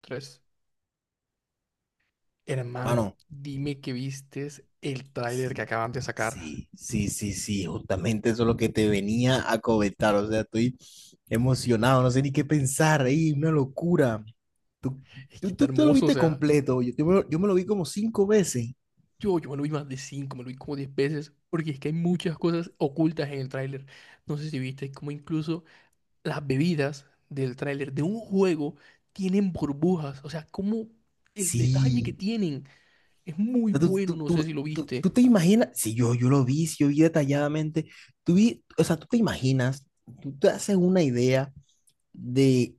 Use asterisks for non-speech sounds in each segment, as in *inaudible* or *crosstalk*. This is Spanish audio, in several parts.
Tres. Hermano, Hermano, dime que vistes el tráiler que acaban de sacar. sí, sí, sí, sí, justamente eso es lo que te venía a comentar. O sea, estoy emocionado, no sé ni qué pensar, ahí, una locura. Tú, Es que tú, está tú- tú lo hermoso, o viste sea. completo, yo me lo vi como cinco veces. Yo me lo vi más de cinco, me lo vi como 10 veces, porque es que hay muchas cosas ocultas en el tráiler. No sé si viste como incluso las bebidas del tráiler de un juego tienen burbujas. O sea, como el detalle que Sí. tienen es muy O sea, tú, bueno, tú, no sé si tú, lo tú- tú viste. te imaginas, sí, yo lo vi, sí, yo vi detalladamente. Tú vi, o sea, tú te imaginas, tú te haces una idea de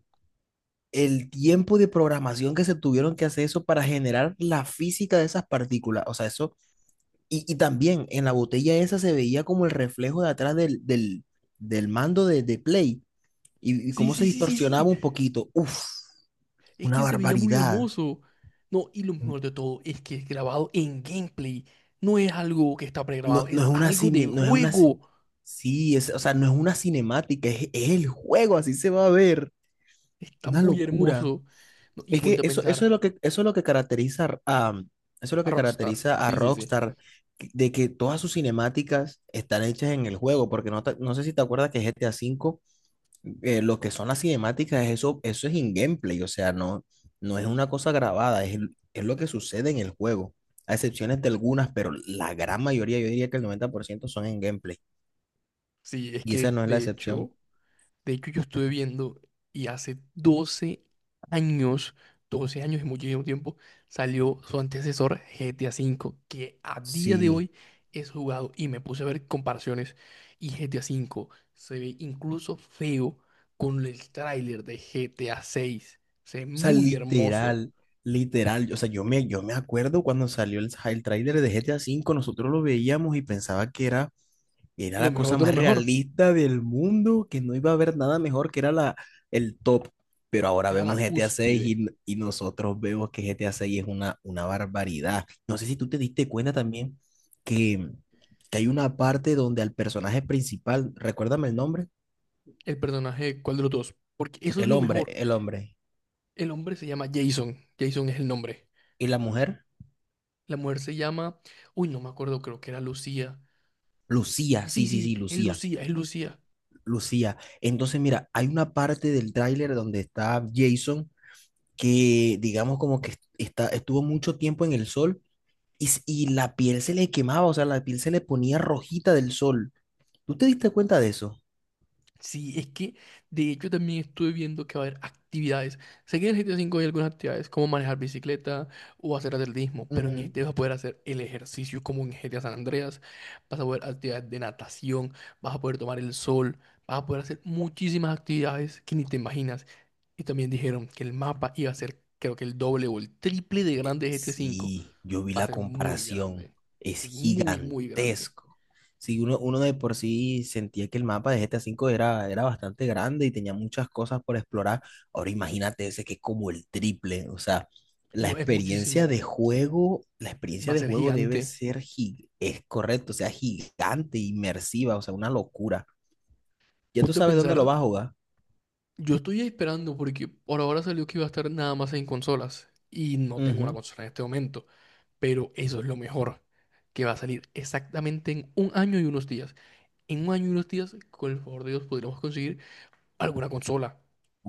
el tiempo de programación que se tuvieron que hacer eso para generar la física de esas partículas. O sea, eso. Y también en la botella esa se veía como el reflejo de atrás del mando de Play y Sí, cómo se sí, sí, sí, distorsionaba sí. un poquito. Uf, Es una que se veía muy barbaridad. hermoso. No, y lo mejor de todo es que es grabado en gameplay. No es algo que está No, pregrabado, no es es una, algo de simi- no es una, ci- juego. Sí, es, o sea, no es una cinemática, es el juego, así se va a ver. Está Una muy locura. hermoso. No, y Es que ponte a eso, eso es pensar lo que, eso es lo que caracteriza a, eso es lo a que Rockstar. caracteriza a Sí, sí, sí. Rockstar, de que todas sus cinemáticas están hechas en el juego, porque no, no sé si te acuerdas que GTA V lo que son las cinemáticas, eso es in-gameplay, o sea, no, no es una cosa grabada, es, es lo que sucede en el juego, a excepciones de algunas, pero la gran mayoría, yo diría que el 90% son en gameplay, Sí, es y que esa no es la de excepción. hecho. De hecho, yo estuve viendo y hace 12 años, 12 años y muchísimo tiempo, salió su antecesor GTA V, que a día de Sí, hoy es jugado y me puse a ver comparaciones y GTA V se ve incluso feo con el tráiler de GTA 6. Se ve o sea, muy hermoso. literal, literal, o sea, yo me acuerdo cuando salió el tráiler de GTA V, nosotros lo veíamos y pensaba que era. Y era Lo la mejor cosa de lo más mejor realista del mundo, que no iba a haber nada mejor, que era la, el top. Pero ahora era vemos la GTA 6 cúspide. y nosotros vemos que GTA 6 es una barbaridad. No sé si tú te diste cuenta también que, que hay una parte donde al personaje principal, recuérdame el nombre, El personaje, ¿cuál de los dos? Porque eso es lo mejor. el hombre, El hombre se llama Jason. Jason es el nombre. y la mujer, La mujer se llama, uy, no me acuerdo, creo que era Lucía. Lucía, Sí, sí, sí, sí, sí, es Lucía, Lucía, es Lucía. Lucía. Entonces, mira, hay una parte del tráiler donde está Jason, que digamos como que está, estuvo mucho tiempo en el sol y, y la piel se le quemaba, o sea, la piel se le ponía rojita del sol. ¿Tú te diste cuenta de eso? Sí, es que de hecho también estuve viendo que va a haber actividades. Sé que en el GTA V hay algunas actividades como manejar bicicleta o hacer atletismo, pero en Ujú. este vas a poder hacer el ejercicio como en GTA San Andreas, vas a poder actividades de natación, vas a poder tomar el sol, vas a poder hacer muchísimas actividades que ni te imaginas. Y también dijeron que el mapa iba a ser creo que el doble o el triple de grande de GTA V. Sí, yo vi Va a la ser muy comparación. grande. Es Es muy, muy grande. gigantesco. Sí, uno de por sí sentía que el mapa de GTA V era bastante grande y tenía muchas cosas por explorar. Ahora imagínate ese que es como el triple. O sea, la No, es experiencia muchísimo. de juego, la Va experiencia a de ser juego debe gigante. ser, es correcto, o sea, gigante, inmersiva, o sea, una locura. Ya tú Punto a sabes dónde pensar, lo vas a jugar. yo estoy esperando porque por ahora salió que iba a estar nada más en consolas. Y no tengo una Ujú. consola en este momento. Pero eso es lo mejor. Que va a salir exactamente en un año y unos días. En un año y unos días, con el favor de Dios, podremos conseguir alguna consola.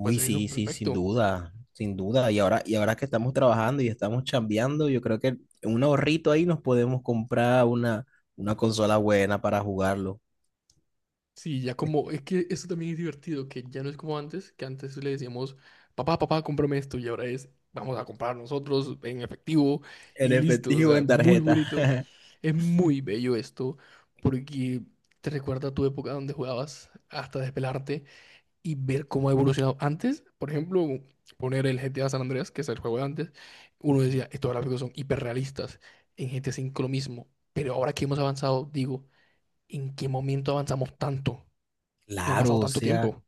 Puede salirnos sí, sí, sin perfecto. duda, sin duda. Y ahora que estamos trabajando y estamos chambeando, yo creo que un ahorrito ahí nos podemos comprar una consola buena para jugarlo. Sí, ya como, es que eso también es divertido, que ya no es como antes, que antes le decíamos, papá, papá, cómprame esto, y ahora es, vamos a comprar nosotros en efectivo En y listo, o efectivo, sea, en muy tarjeta. bonito. *laughs* Es muy bello esto, porque te recuerda a tu época donde jugabas hasta despelarte y ver cómo ha evolucionado. Antes, por ejemplo, poner el GTA San Andreas, que es el juego de antes, uno decía, estos gráficos son hiperrealistas, en GTA V lo mismo, pero ahora que hemos avanzado, digo, ¿en qué momento avanzamos tanto? No ha pasado Claro, o tanto sea. tiempo.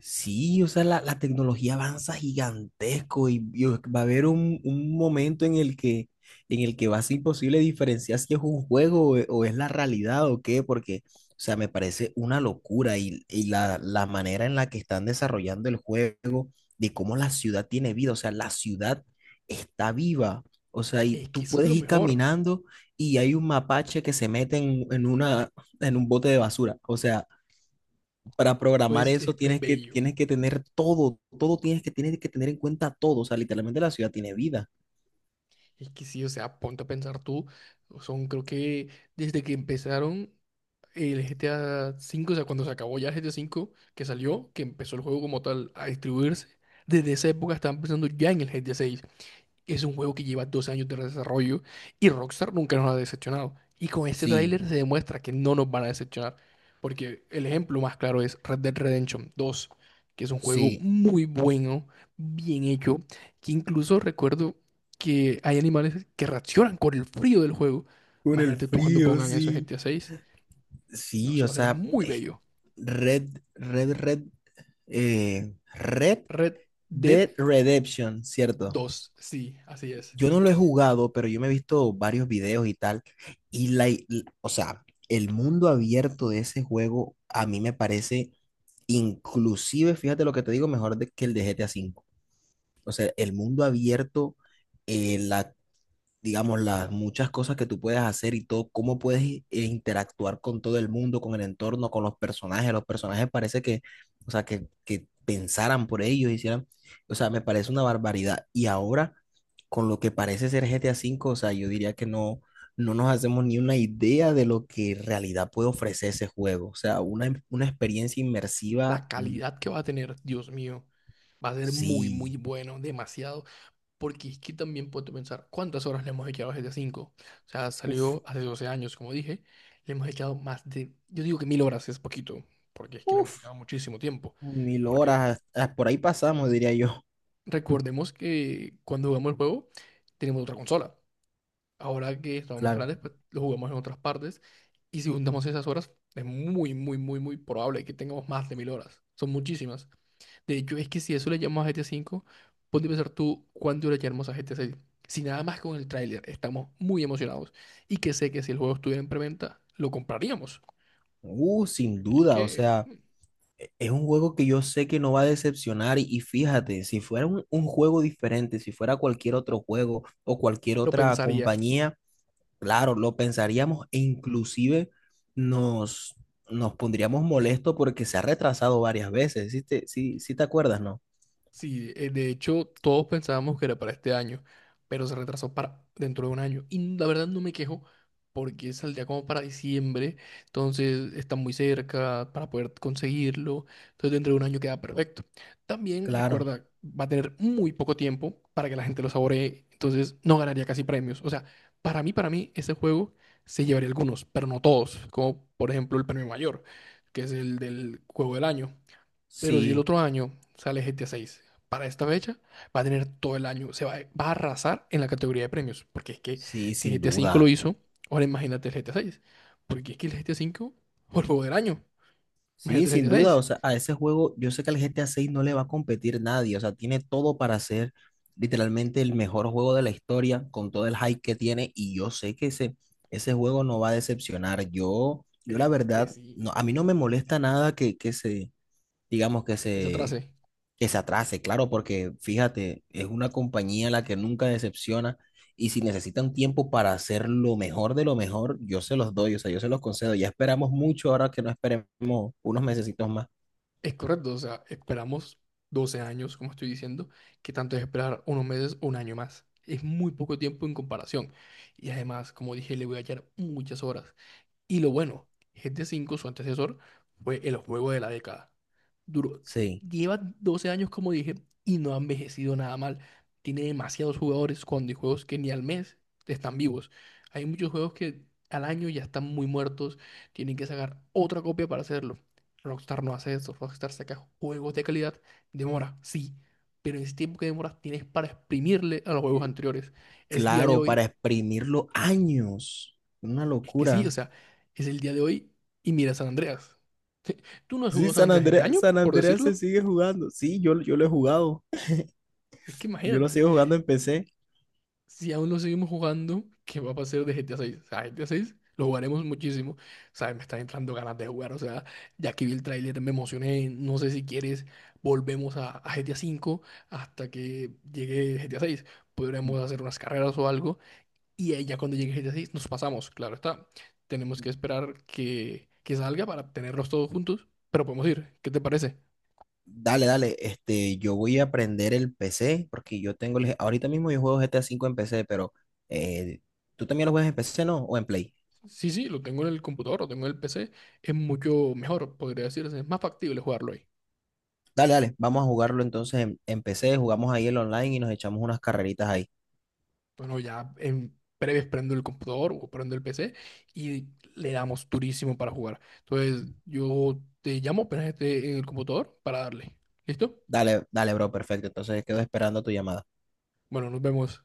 Sí, o sea, la tecnología avanza gigantesco y va a haber un momento en el que va a ser imposible diferenciar si es un juego o, o es la realidad o qué, porque, o sea, me parece una locura y la manera en la que están desarrollando el juego, de cómo la ciudad tiene vida, o sea, la ciudad está viva, o sea, y Es que tú eso es puedes lo ir mejor. caminando y hay un mapache que se mete en, en un bote de basura, o sea para programar Pues eso es bello. tienes que tener todo, todo tienes que tener en cuenta todo. O sea, literalmente la ciudad tiene vida. Es que sí, o sea, ponte a pensar tú. Son, creo que desde que empezaron el GTA V, o sea, cuando se acabó ya el GTA V, que salió, que empezó el juego como tal a distribuirse, desde esa época estaban pensando ya en el GTA 6. Es un juego que lleva 2 años de desarrollo y Rockstar nunca nos ha decepcionado. Y con este Sí, tráiler se demuestra que no nos van a decepcionar. Porque el ejemplo más claro es Red Dead Redemption 2, que es un juego sí. muy bueno, bien hecho, que incluso recuerdo que hay animales que reaccionan con el frío del juego. Con el Imagínate tú cuando frío, pongan eso en sí. GTA 6. No, Sí, eso o va a ser sea, muy es. bello. Red, Red, Red, Red Red Dead Dead Redemption, ¿cierto? 2, sí, así es. Yo no lo he jugado, pero yo me he visto varios videos y tal. Y la, y- o sea, el mundo abierto de ese juego a mí me parece, inclusive, fíjate lo que te digo, mejor que el de GTA V. O sea, el mundo abierto, eh, la, digamos, las muchas cosas que tú puedes hacer y todo, cómo puedes interactuar con todo el mundo, con el entorno, con los personajes. Los personajes parece que, o sea, que pensaran por ellos, hicieran, o sea, me parece una barbaridad. Y ahora, con lo que parece ser GTA V, o sea, yo diría que no, no nos hacemos ni una idea de lo que en realidad puede ofrecer ese juego. O sea, una experiencia inmersiva, La calidad que va a tener, Dios mío, va a ser muy, sí, muy bueno, demasiado. Porque es que también puedo pensar, ¿cuántas horas le hemos echado a GTA V? O sea, uff, salió hace 12 años, como dije, le hemos echado más de, yo digo que 1000 horas es poquito, porque es que le hemos uff. echado muchísimo tiempo. Mil Porque horas, ah, por ahí pasamos, diría yo. recordemos que cuando jugamos el juego, tenemos otra consola. Ahora que estamos más *laughs* Claro. grandes, pues lo jugamos en otras partes. Y si juntamos esas horas, es muy, muy, muy, muy probable que tengamos más de 1000 horas. Son muchísimas. De hecho, es que si eso le llamamos a GT 5, ponte a pensar tú cuándo le llamamos a GT 6. Si nada más con el tráiler estamos muy emocionados y que sé que si el juego estuviera en preventa, lo compraríamos. Sin Es duda, o que sea, es un juego que yo sé que no va a decepcionar y fíjate, si fuera un juego diferente, si fuera cualquier otro juego o cualquier lo otra pensaría. compañía, claro, lo pensaríamos e inclusive nos, nos pondríamos molestos porque se ha retrasado varias veces, sí, sí te acuerdas, no? Sí, de hecho, todos pensábamos que era para este año, pero se retrasó para dentro de un año. Y la verdad no me quejo porque saldría como para diciembre, entonces está muy cerca para poder conseguirlo. Entonces dentro de un año queda perfecto. También Claro, recuerda, va a tener muy poco tiempo para que la gente lo saboree, entonces no ganaría casi premios. O sea, para mí, ese juego se llevaría algunos, pero no todos, como por ejemplo el premio mayor, que es el del juego del año. Pero si el sí, otro año sale GTA 6 para esta fecha, va a tener todo el año, se va, va a arrasar en la categoría de premios, porque es que sí, si sin GTA 5 lo duda. hizo, ahora imagínate el GTA 6, porque es que el GTA 5 fue el juego del año, Sí, imagínate el sin GTA duda, 6, o sea, a ese juego yo sé que al GTA 6 no le va a competir nadie, o sea, tiene todo para ser literalmente el mejor juego de la historia con todo el hype que tiene y yo sé que ese juego no va a decepcionar. Yo la que verdad, sí, no, a mí no me molesta nada que, que se, digamos, que se atrase, que se atrase, claro, porque fíjate, es una compañía la que nunca decepciona y si necesitan tiempo para hacer lo mejor de lo mejor, yo se los doy, o sea, yo se los concedo. Ya esperamos mucho, ahora que no esperemos unos mesecitos más. es correcto, o sea, esperamos 12 años, como estoy diciendo, que tanto es esperar unos meses o un año más, es muy poco tiempo en comparación, y además, como dije, le voy a echar muchas horas. Y lo bueno, GTA V, su antecesor, fue el juego de la década. Duro. Sí, Lleva 12 años, como dije, y no ha envejecido nada mal. Tiene demasiados jugadores cuando hay juegos que ni al mes están vivos. Hay muchos juegos que al año ya están muy muertos, tienen que sacar otra copia para hacerlo. Rockstar no hace eso, Rockstar saca juegos de calidad, demora, sí, pero en ese tiempo que demora tienes para exprimirle a los juegos anteriores. Es día de claro, para hoy, exprimirlo años. Una es que sí, o locura. sea, es el día de hoy y mira San Andreas. *laughs* ¿Tú no has Sí, jugado San San Andreas este Andreas, año, San por Andreas se decirlo? sigue jugando. Sí, yo lo he jugado. Es que Yo lo imagínate, sigo jugando en PC. si aún lo seguimos jugando, ¿qué va a pasar de GTA 6? O sea, GTA 6 lo jugaremos muchísimo. Sabes, me están entrando ganas de jugar. O sea, ya que vi el tráiler me emocioné. No sé si quieres, volvemos a, GTA 5 hasta que llegue GTA 6. Podremos hacer unas carreras o algo. Y ahí ya cuando llegue GTA 6 nos pasamos, claro está. Tenemos que esperar que salga para tenerlos todos juntos, pero podemos ir. ¿Qué te parece? Dale, dale, este, yo voy a aprender el PC porque yo tengo, ahorita mismo yo juego GTA V en PC, pero eh, tú también lo juegas en PC, ¿no? O en Play. Sí, sí, lo tengo en el computador, lo tengo en el PC. Es mucho mejor, podría decirse. Es más factible jugarlo ahí. Dale, dale, vamos a jugarlo entonces en PC, jugamos ahí el online y nos echamos unas carreritas ahí. Bueno, ya en breves prendo el computador o prendo el PC y le damos durísimo para jugar. Entonces, yo te llamo apenas esté en el computador para darle. ¿Listo? Dale, dale, bro, perfecto. Entonces quedo esperando tu llamada. Bueno, nos vemos.